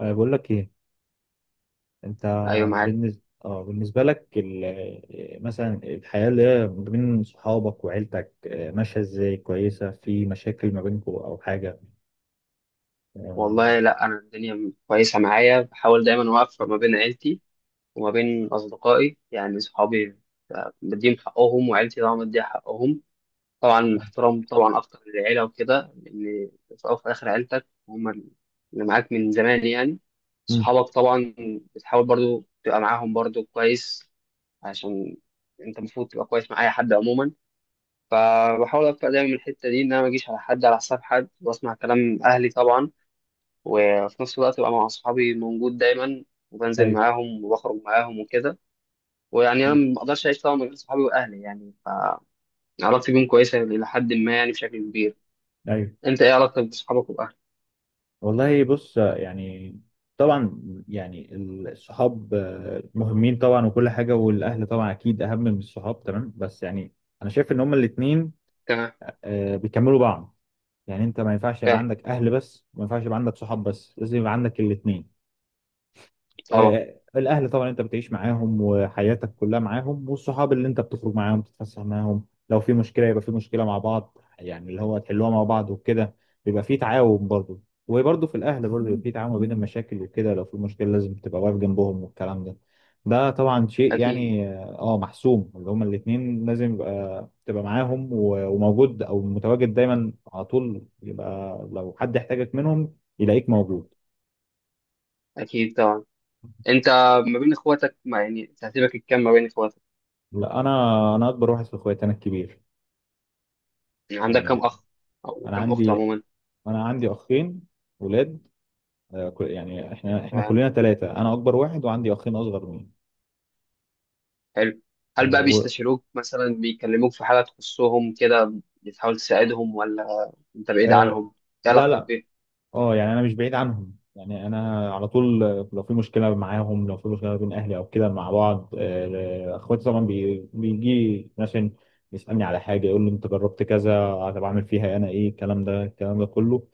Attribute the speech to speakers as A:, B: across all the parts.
A: بقول لك ايه انت؟
B: ايوه، معاك.
A: بالنسبه لك، مثلا الحياه اللي هي ما بين صحابك وعيلتك ماشيه ازاي؟ كويسه، في مشاكل ما بينكم او حاجه؟ آه.
B: والله، لا، انا الدنيا كويسه معايا، بحاول دايما اوفق ما بين عيلتي وما بين اصدقائي، يعني صحابي. بديهم حقهم، وعيلتي طبعا بديها حقهم. طبعا احترام طبعا اكتر للعيله وكده، لان في الاول وفي الاخر عيلتك هم اللي معاك من زمان يعني.
A: مم.
B: صحابك طبعا بتحاول برضو تبقى معاهم برضو كويس، عشان انت المفروض تبقى كويس مع اي حد عموما. فبحاول ابقى دايما من الحته دي ان انا ما اجيش على حد على حساب حد، واسمع كلام اهلي طبعا، وفي نفس الوقت بقى مع أصحابي موجود دايما، وبنزل
A: ايوه.
B: معاهم وبخرج معاهم وكده. ويعني أنا
A: مم.
B: ما أقدرش أعيش طبعا من غير صحابي وأهلي، يعني فعلاقتي بيهم كويسة إلى حد ما، يعني بشكل كبير.
A: ايوه.
B: أنت إيه علاقتك بصحابك وأهلك؟
A: والله بص. يعني طبعا، يعني الصحاب مهمين طبعا وكل حاجه، والاهل طبعا اكيد اهم من الصحاب، تمام. بس يعني انا شايف ان هما الاثنين
B: تمام.
A: بيكملوا بعض. يعني انت ما ينفعش يبقى
B: فاهم
A: عندك اهل بس، وما ينفعش يبقى عندك صحاب بس، لازم يبقى عندك الاثنين.
B: طبعا.
A: الاهل طبعا انت بتعيش معاهم، وحياتك كلها معاهم، والصحاب اللي انت بتخرج معاهم تتفسح معاهم، لو في مشكله يبقى في مشكله مع بعض، يعني اللي هو تحلوها مع بعض وكده. بيبقى في تعاون برضه. وبرضه في الاهل برضه بيبقى في تعاون ما بين المشاكل وكده، لو في مشكله لازم تبقى واقف جنبهم والكلام ده. ده طبعا شيء
B: أكيد.
A: يعني محسوم، اللي هما الاثنين لازم يبقى تبقى معاهم و- وموجود او متواجد دايما على طول، يبقى لو حد احتاجك منهم يلاقيك موجود.
B: أكيد طبعا. أنت ما بين إخواتك، ما يعني ترتيبك الكام ما بين إخواتك؟
A: لا، انا اكبر واحد في اخواتي، انا الكبير.
B: يعني عندك
A: يعني
B: كام أخ أو
A: انا
B: كام أخت
A: عندي
B: عموما؟
A: انا عندي اخين ولاد. يعني احنا
B: تمام،
A: كلنا ثلاثه، انا اكبر واحد وعندي اخين اصغر مني.
B: حلو.
A: آه،
B: هل بقى
A: و...
B: بيستشيروك مثلا، بيكلموك في حاجة تخصهم كده، بتحاول تساعدهم، ولا أنت بعيد
A: آه،
B: عنهم؟ إيه
A: لا،
B: علاقتك
A: لا.
B: بيهم؟
A: اه، يعني انا مش بعيد عنهم، يعني انا على طول لو في مشكله معاهم، لو في مشكله بين اهلي او كده مع بعض، اخواتي طبعا بيجي مثلا يسالني على حاجه، يقول لي انت جربت كذا، طب اعمل فيها انا ايه، الكلام ده كله.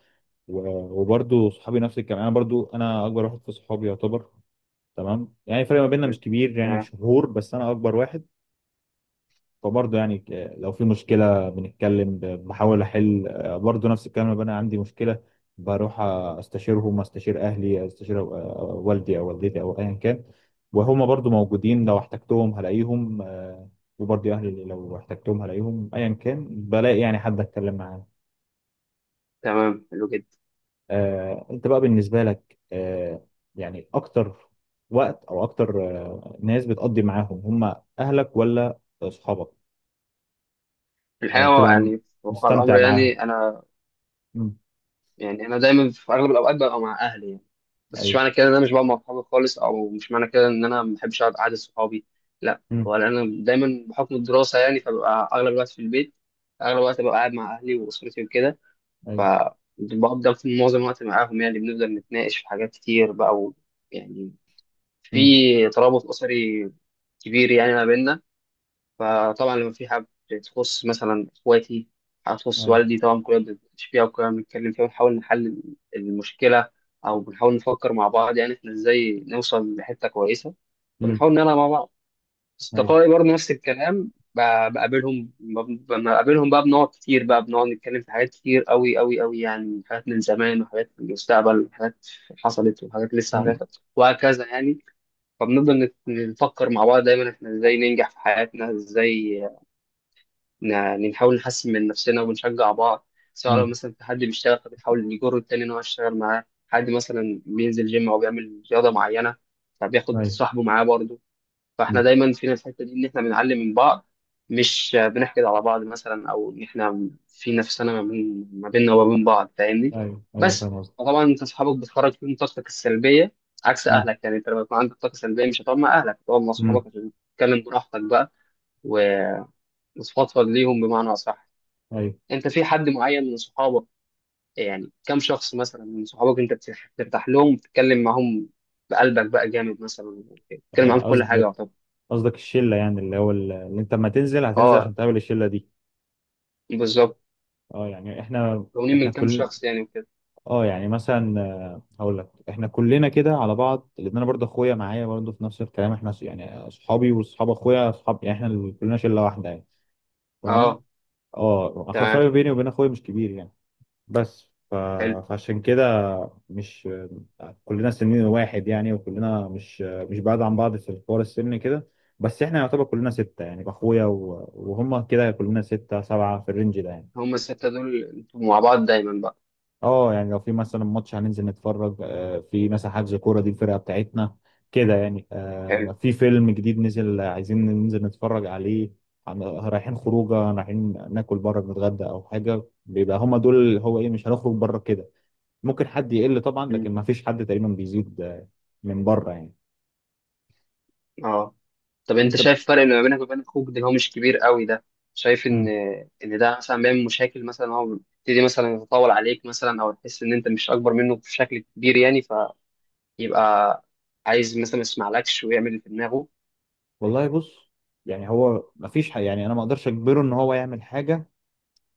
A: و- وبرضه صحابي نفس الكلام، انا برضه انا اكبر واحد في صحابي يعتبر. تمام، يعني الفرق ما بيننا
B: حلو.
A: مش كبير، يعني
B: تمام.
A: شهور بس انا اكبر واحد. فبرضه يعني، لو في مشكله بنتكلم، بحاول احل، برضه نفس الكلام لما انا عندي مشكله، بروح استشيرهم، استشير اهلي، استشير والدي او والدتي او ايا كان. وهما برضه موجودين، لو احتجتهم هلاقيهم. وبرضه اهلي لو احتجتهم هلاقيهم، ايا كان بلاقي يعني حد اتكلم معاه.
B: تمام، حلو جدا.
A: انت بقى بالنسبة لك يعني، اكتر وقت او اكتر ناس بتقضي معاهم هم اهلك ولا اصحابك؟
B: في
A: او
B: الحقيقة
A: يعني
B: هو،
A: بتبقى
B: يعني في واقع الأمر،
A: مستمتع معاهم؟
B: يعني أنا،
A: مم.
B: يعني أنا دايما في أغلب الأوقات ببقى مع أهلي يعني. بس مش
A: ايوه.
B: معنى كده إن أنا مش بقى مع صحابي خالص، أو مش معنى كده إن أنا ما بحبش أقعد قعدة صحابي. لا،
A: مم.
B: ولا أنا دايما بحكم الدراسة يعني، فببقى أغلب الوقت في البيت. أغلب الوقت ببقى قاعد مع أهلي وأسرتي وكده.
A: ايوه.
B: فبفضل في معظم الوقت معاهم يعني، بنفضل نتناقش في حاجات كتير بقى يعني، في
A: مم.
B: ترابط أسري كبير يعني ما بيننا. فطبعا لما في حاجة تخص مثلا إخواتي، حاجة تخص
A: ايوه.
B: والدي، طبعا كلنا بنتناقش فيها وكلنا بنتكلم فيها، ونحاول نحل المشكلة، أو بنحاول نفكر مع بعض يعني إحنا إزاي نوصل لحتة كويسة.
A: مم.
B: فبنحاول نلعب مع بعض.
A: ايوه.
B: أصدقائي برضه نفس الكلام، لما بقابلهم بقى بنقعد كتير بقى، بنقعد نتكلم في حاجات كتير أوي أوي أوي، يعني حاجات من زمان وحاجات من المستقبل وحاجات حصلت وحاجات لسه
A: مم.
B: هتحصل، وهكذا يعني. فبنفضل نفكر مع بعض دايما إحنا إزاي ننجح في حياتنا، إزاي يعني نحاول نحسن من نفسنا ونشجع بعض. سواء لو
A: مم.
B: مثلا في حد بيشتغل، فبنحاول نجر التاني ان هو يشتغل معاه، حد مثلا بينزل جيم او بيعمل رياضه معينه، فبياخد
A: ايوه.
B: صاحبه معاه برضه. فاحنا
A: مم.
B: دايما فينا الحته دي ان احنا بنعلم من بعض، مش بنحقد على بعض مثلا، او ان احنا في نفسنا ما بيننا وما بين بعض، فاهمني.
A: ايوه. ايوه،
B: بس
A: فاهم قصدك.
B: طبعا انت اصحابك بتخرج فيهم طاقتك السلبيه عكس
A: مم.
B: اهلك، يعني انت لما يكون عندك طاقه سلبيه مش هتقعد مع اهلك، هتقعد مع
A: مم.
B: اصحابك عشان تتكلم براحتك بقى، وتفضفض ليهم بمعنى اصح.
A: ايوه.
B: انت في حد معين من صحابك، يعني كم شخص مثلا من صحابك انت بترتاح لهم، بتتكلم معاهم بقلبك بقى جامد مثلا، بتتكلم معاهم
A: يعني
B: في كل حاجه؟
A: قصدك
B: طب
A: قصدك الشلة، يعني اللي هو اللي انت لما تنزل هتنزل
B: اه،
A: عشان تقابل الشلة دي.
B: بالظبط.
A: اه، يعني احنا
B: مكونين
A: احنا
B: من كم
A: كل
B: شخص يعني وكده؟
A: اه يعني مثلا هقول لك احنا كلنا كده على بعض، لان انا برضه اخويا معايا برضه في نفس الكلام، احنا يعني اصحابي واصحاب اخويا اصحاب، يعني احنا اللي كلنا شله واحده يعني. تمام.
B: اه،
A: اه اخر
B: تمام،
A: الفرق بيني وبين اخويا مش كبير يعني، بس.
B: حلو.
A: فعشان كده مش كلنا سنين واحد يعني، وكلنا مش بعاد عن بعض في حوار السن كده، بس احنا يعتبر كلنا سته، يعني اخويا و... وهم كده كلنا سته سبعه في الرينج ده يعني.
B: هم السته دول انتوا مع بعض دايما بقى؟
A: اه، يعني لو في مثلا ماتش هننزل نتفرج، في مثلا حجز كوره دي الفرقه بتاعتنا كده يعني،
B: حلو.
A: في فيلم جديد نزل، عايزين ننزل نتفرج عليه، رايحين خروجه، رايحين ناكل بره نتغدى او حاجه، بيبقى هما دول اللي هو ايه، مش هنخرج بره كده. ممكن حد يقل طبعا، لكن
B: مم.
A: ما فيش حد تقريبا بيزيد من بره يعني.
B: اه. طب انت
A: انت.
B: شايف الفرق اللي ما بينك وبين اخوك ده اللي هو مش كبير قوي ده، شايف ان
A: مم.
B: ان ده مثلا بيعمل مشاكل مثلا، هو بيبتدي مثلا يتطاول عليك مثلا، او تحس ان انت مش اكبر منه بشكل كبير يعني، يبقى عايز مثلا ما يسمعلكش ويعمل اللي في دماغه؟
A: والله بص، يعني هو ما فيش يعني انا ما اقدرش اجبره ان هو يعمل حاجه.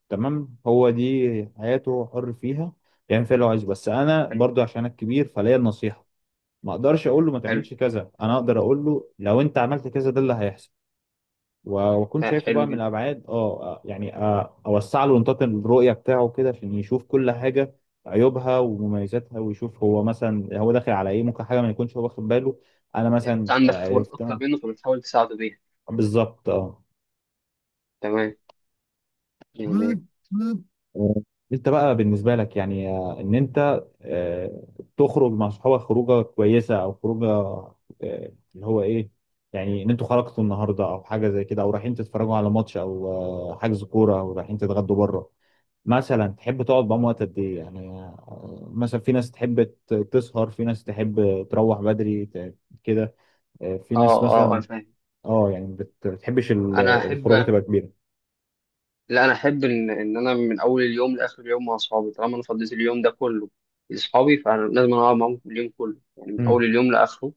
A: تمام، هو دي حياته، حر فيها، يعمل فيها اللي هو عايزه، بس انا
B: حلو.
A: برضو عشان انا الكبير فليا النصيحه. ما اقدرش اقول له ما
B: حلو.
A: تعملش كذا، انا اقدر اقول له لو انت عملت كذا ده اللي هيحصل. و- واكون شايفه بقى
B: حلو
A: من
B: جدا.
A: الابعاد يعني اوسع له نطاق الرؤيه بتاعه كده عشان يشوف كل حاجه، عيوبها ومميزاتها، ويشوف هو مثلا هو داخل على ايه، ممكن حاجه ما يكونش هو واخد باله، انا
B: يعني انت
A: مثلا
B: عندك خبرات اكتر
A: عرفتها.
B: منه فبتحاول تساعده بيها.
A: بالظبط. اه
B: تمام يعني.
A: آه، انت بقى بالنسبه لك يعني ان انت تخرج مع صحابك خروجه كويسه او خروجه اللي هو ايه، يعني ان انتوا خرجتوا النهارده او حاجه زي كده، او رايحين تتفرجوا على ماتش او حجز كوره، او رايحين تتغدوا بره مثلا، تحب تقعد معاهم وقت قد ايه؟ يعني مثلا في ناس تحب تسهر، في ناس تحب تروح بدري كده، في ناس
B: اه، اه، انا
A: مثلا.
B: فاهم.
A: اه، يعني بتحبش
B: انا
A: الخروجه
B: احب،
A: تبقى كبيره.
B: لا، انا احب ان انا من اول اليوم لاخر اليوم مع اصحابي. طالما انا فضيت اليوم ده كله لاصحابي، فانا لازم أنا اقعد معاهم اليوم كله، يعني من اول اليوم لاخره.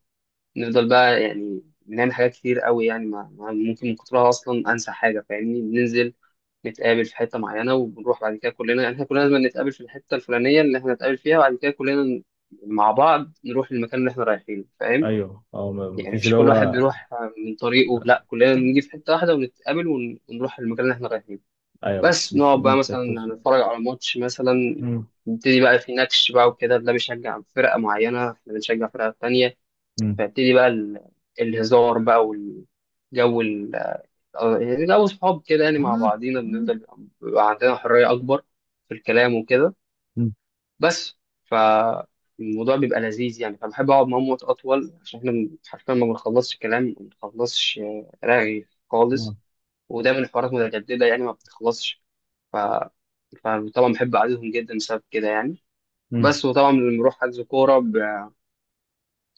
B: نفضل بقى، يعني بنعمل حاجات كتير قوي، يعني ممكن من كترها اصلا انسى حاجه، فاهمني. بننزل نتقابل في حته معينه وبنروح بعد كده كلنا، يعني احنا كلنا لازم نتقابل في الحته الفلانيه اللي احنا نتقابل فيها، وبعد كده كلنا مع بعض نروح للمكان اللي احنا رايحينه، فاهم؟
A: ايوه. اه،
B: يعني
A: مفيش
B: مش
A: اللي
B: كل واحد
A: هو.
B: بيروح من طريقه، لا، كلنا بنيجي في حته واحده ونتقابل ونروح للمكان اللي احنا رايحينه.
A: ايوه، مش
B: بس
A: مش
B: نقعد
A: إن
B: بقى
A: انت
B: مثلا
A: توصل.
B: نتفرج على ماتش مثلا،
A: مم.
B: نبتدي بقى في نكش بقى وكده، ده بيشجع فرقه معينه، احنا بنشجع فرقه تانيه،
A: مم.
B: فيبتدي بقى الهزار بقى، والجو يعني جو صحاب كده، يعني مع
A: مم.
B: بعضينا بنفضل، بيبقى عندنا حرية أكبر في الكلام وكده.
A: مم.
B: بس فالموضوع بيبقى لذيذ يعني، فبحب أقعد معاهم وقت أطول، عشان إحنا حرفيا ما بنخلصش كلام، ما بنخلصش رغي خالص. ودايما الحوارات متجددة يعني ما بتخلصش. ف... فطبعا بحب قعدتهم جدا بسبب كده يعني.
A: مم.
B: بس. وطبعا لما بنروح حجز كورة،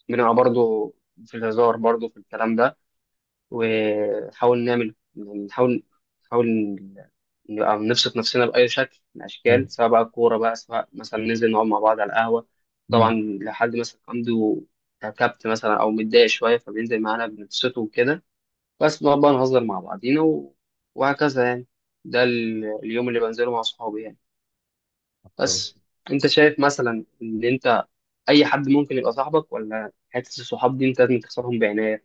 B: بنبقى برضه في الهزار، برضه في الكلام ده، ونحاول نعمل، يعني نحاول نبقى نبسط نفسنا بأي شكل من
A: ايوه.
B: الأشكال، سواء بقى كورة بقى، سواء مثلا ننزل نقعد مع بعض على القهوة. طبعا
A: مم.
B: لو حد مثلا عنده كبت مثلا أو متضايق شوية، فبينزل معانا بنبسطه وكده. بس بنقعد بقى نهزر مع بعضينا وهكذا يعني. ده اليوم اللي بنزله مع صحابي يعني. بس.
A: كويس.
B: أنت شايف مثلا إن أنت أي حد ممكن يبقى صاحبك، ولا حتة الصحاب دي أنت لازم تختارهم بعناية؟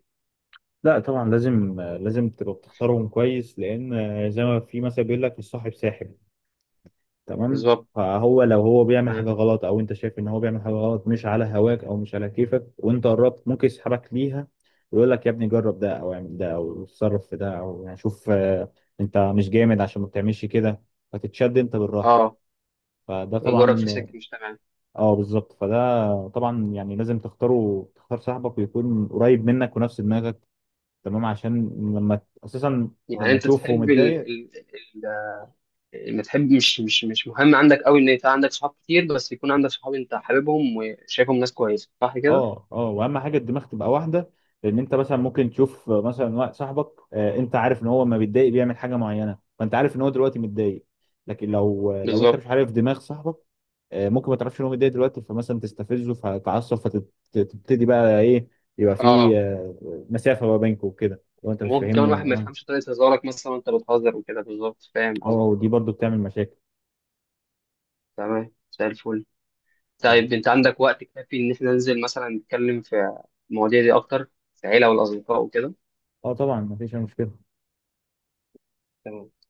A: لا، طبعا لازم تبقى بتختارهم كويس، لان زي ما في مثل بيقول لك، الصاحب ساحب. تمام،
B: بالظبط.
A: فهو لو هو بيعمل
B: اه.
A: حاجة غلط، أو أنت شايف إن هو بيعمل حاجة غلط مش على هواك أو مش على كيفك، وأنت قربت ممكن يسحبك ليها، ويقول لك يا ابني، جرب ده أو اعمل ده أو اتصرف في ده، أو يعني شوف أنت مش جامد عشان ما بتعملش كده، فتتشد أنت بالراحة،
B: آه.
A: فده
B: يجرك في
A: طبعا.
B: سكة مش تمام.
A: اه بالظبط، فده طبعا يعني لازم تختار صاحبك، ويكون قريب منك ونفس دماغك، تمام، عشان لما اساسا
B: يعني
A: لما
B: انت
A: تشوفه
B: تحب،
A: متضايق.
B: ما تحب، مش مهم عندك قوي ان انت عندك صحاب كتير، بس يكون عندك صحاب انت حاببهم وشايفهم ناس كويسه، صح كده؟
A: اه، اه، واهم حاجه الدماغ تبقى واحده. لان انت مثلا ممكن تشوف مثلا واحد صاحبك، انت عارف ان هو لما بيتضايق بيعمل حاجه معينه، فانت عارف ان هو دلوقتي متضايق. لكن لو انت
B: بالظبط.
A: مش عارف دماغ صاحبك، ممكن ما تعرفش ان هو متضايق دلوقتي، فمثلا تستفزه فتتعصب فتبتدي بقى ايه، يبقى في
B: اه،
A: مسافه ما بينكم وكده، لو انت مش
B: ممكن كمان
A: فاهمني.
B: واحد ما
A: اه.
B: يفهمش طريقه هزارك مثلا، انت بتهزر وكده، بالظبط، فاهم قصدي.
A: ودي برضو بتعمل مشاكل.
B: تمام، زي الفل.
A: طيب.
B: طيب، انت عندك وقت كافي ان احنا ننزل مثلا نتكلم في المواضيع دي اكتر، في العيله والاصدقاء وكده؟
A: اه، طبعا مفيش أي مشكله.
B: تمام.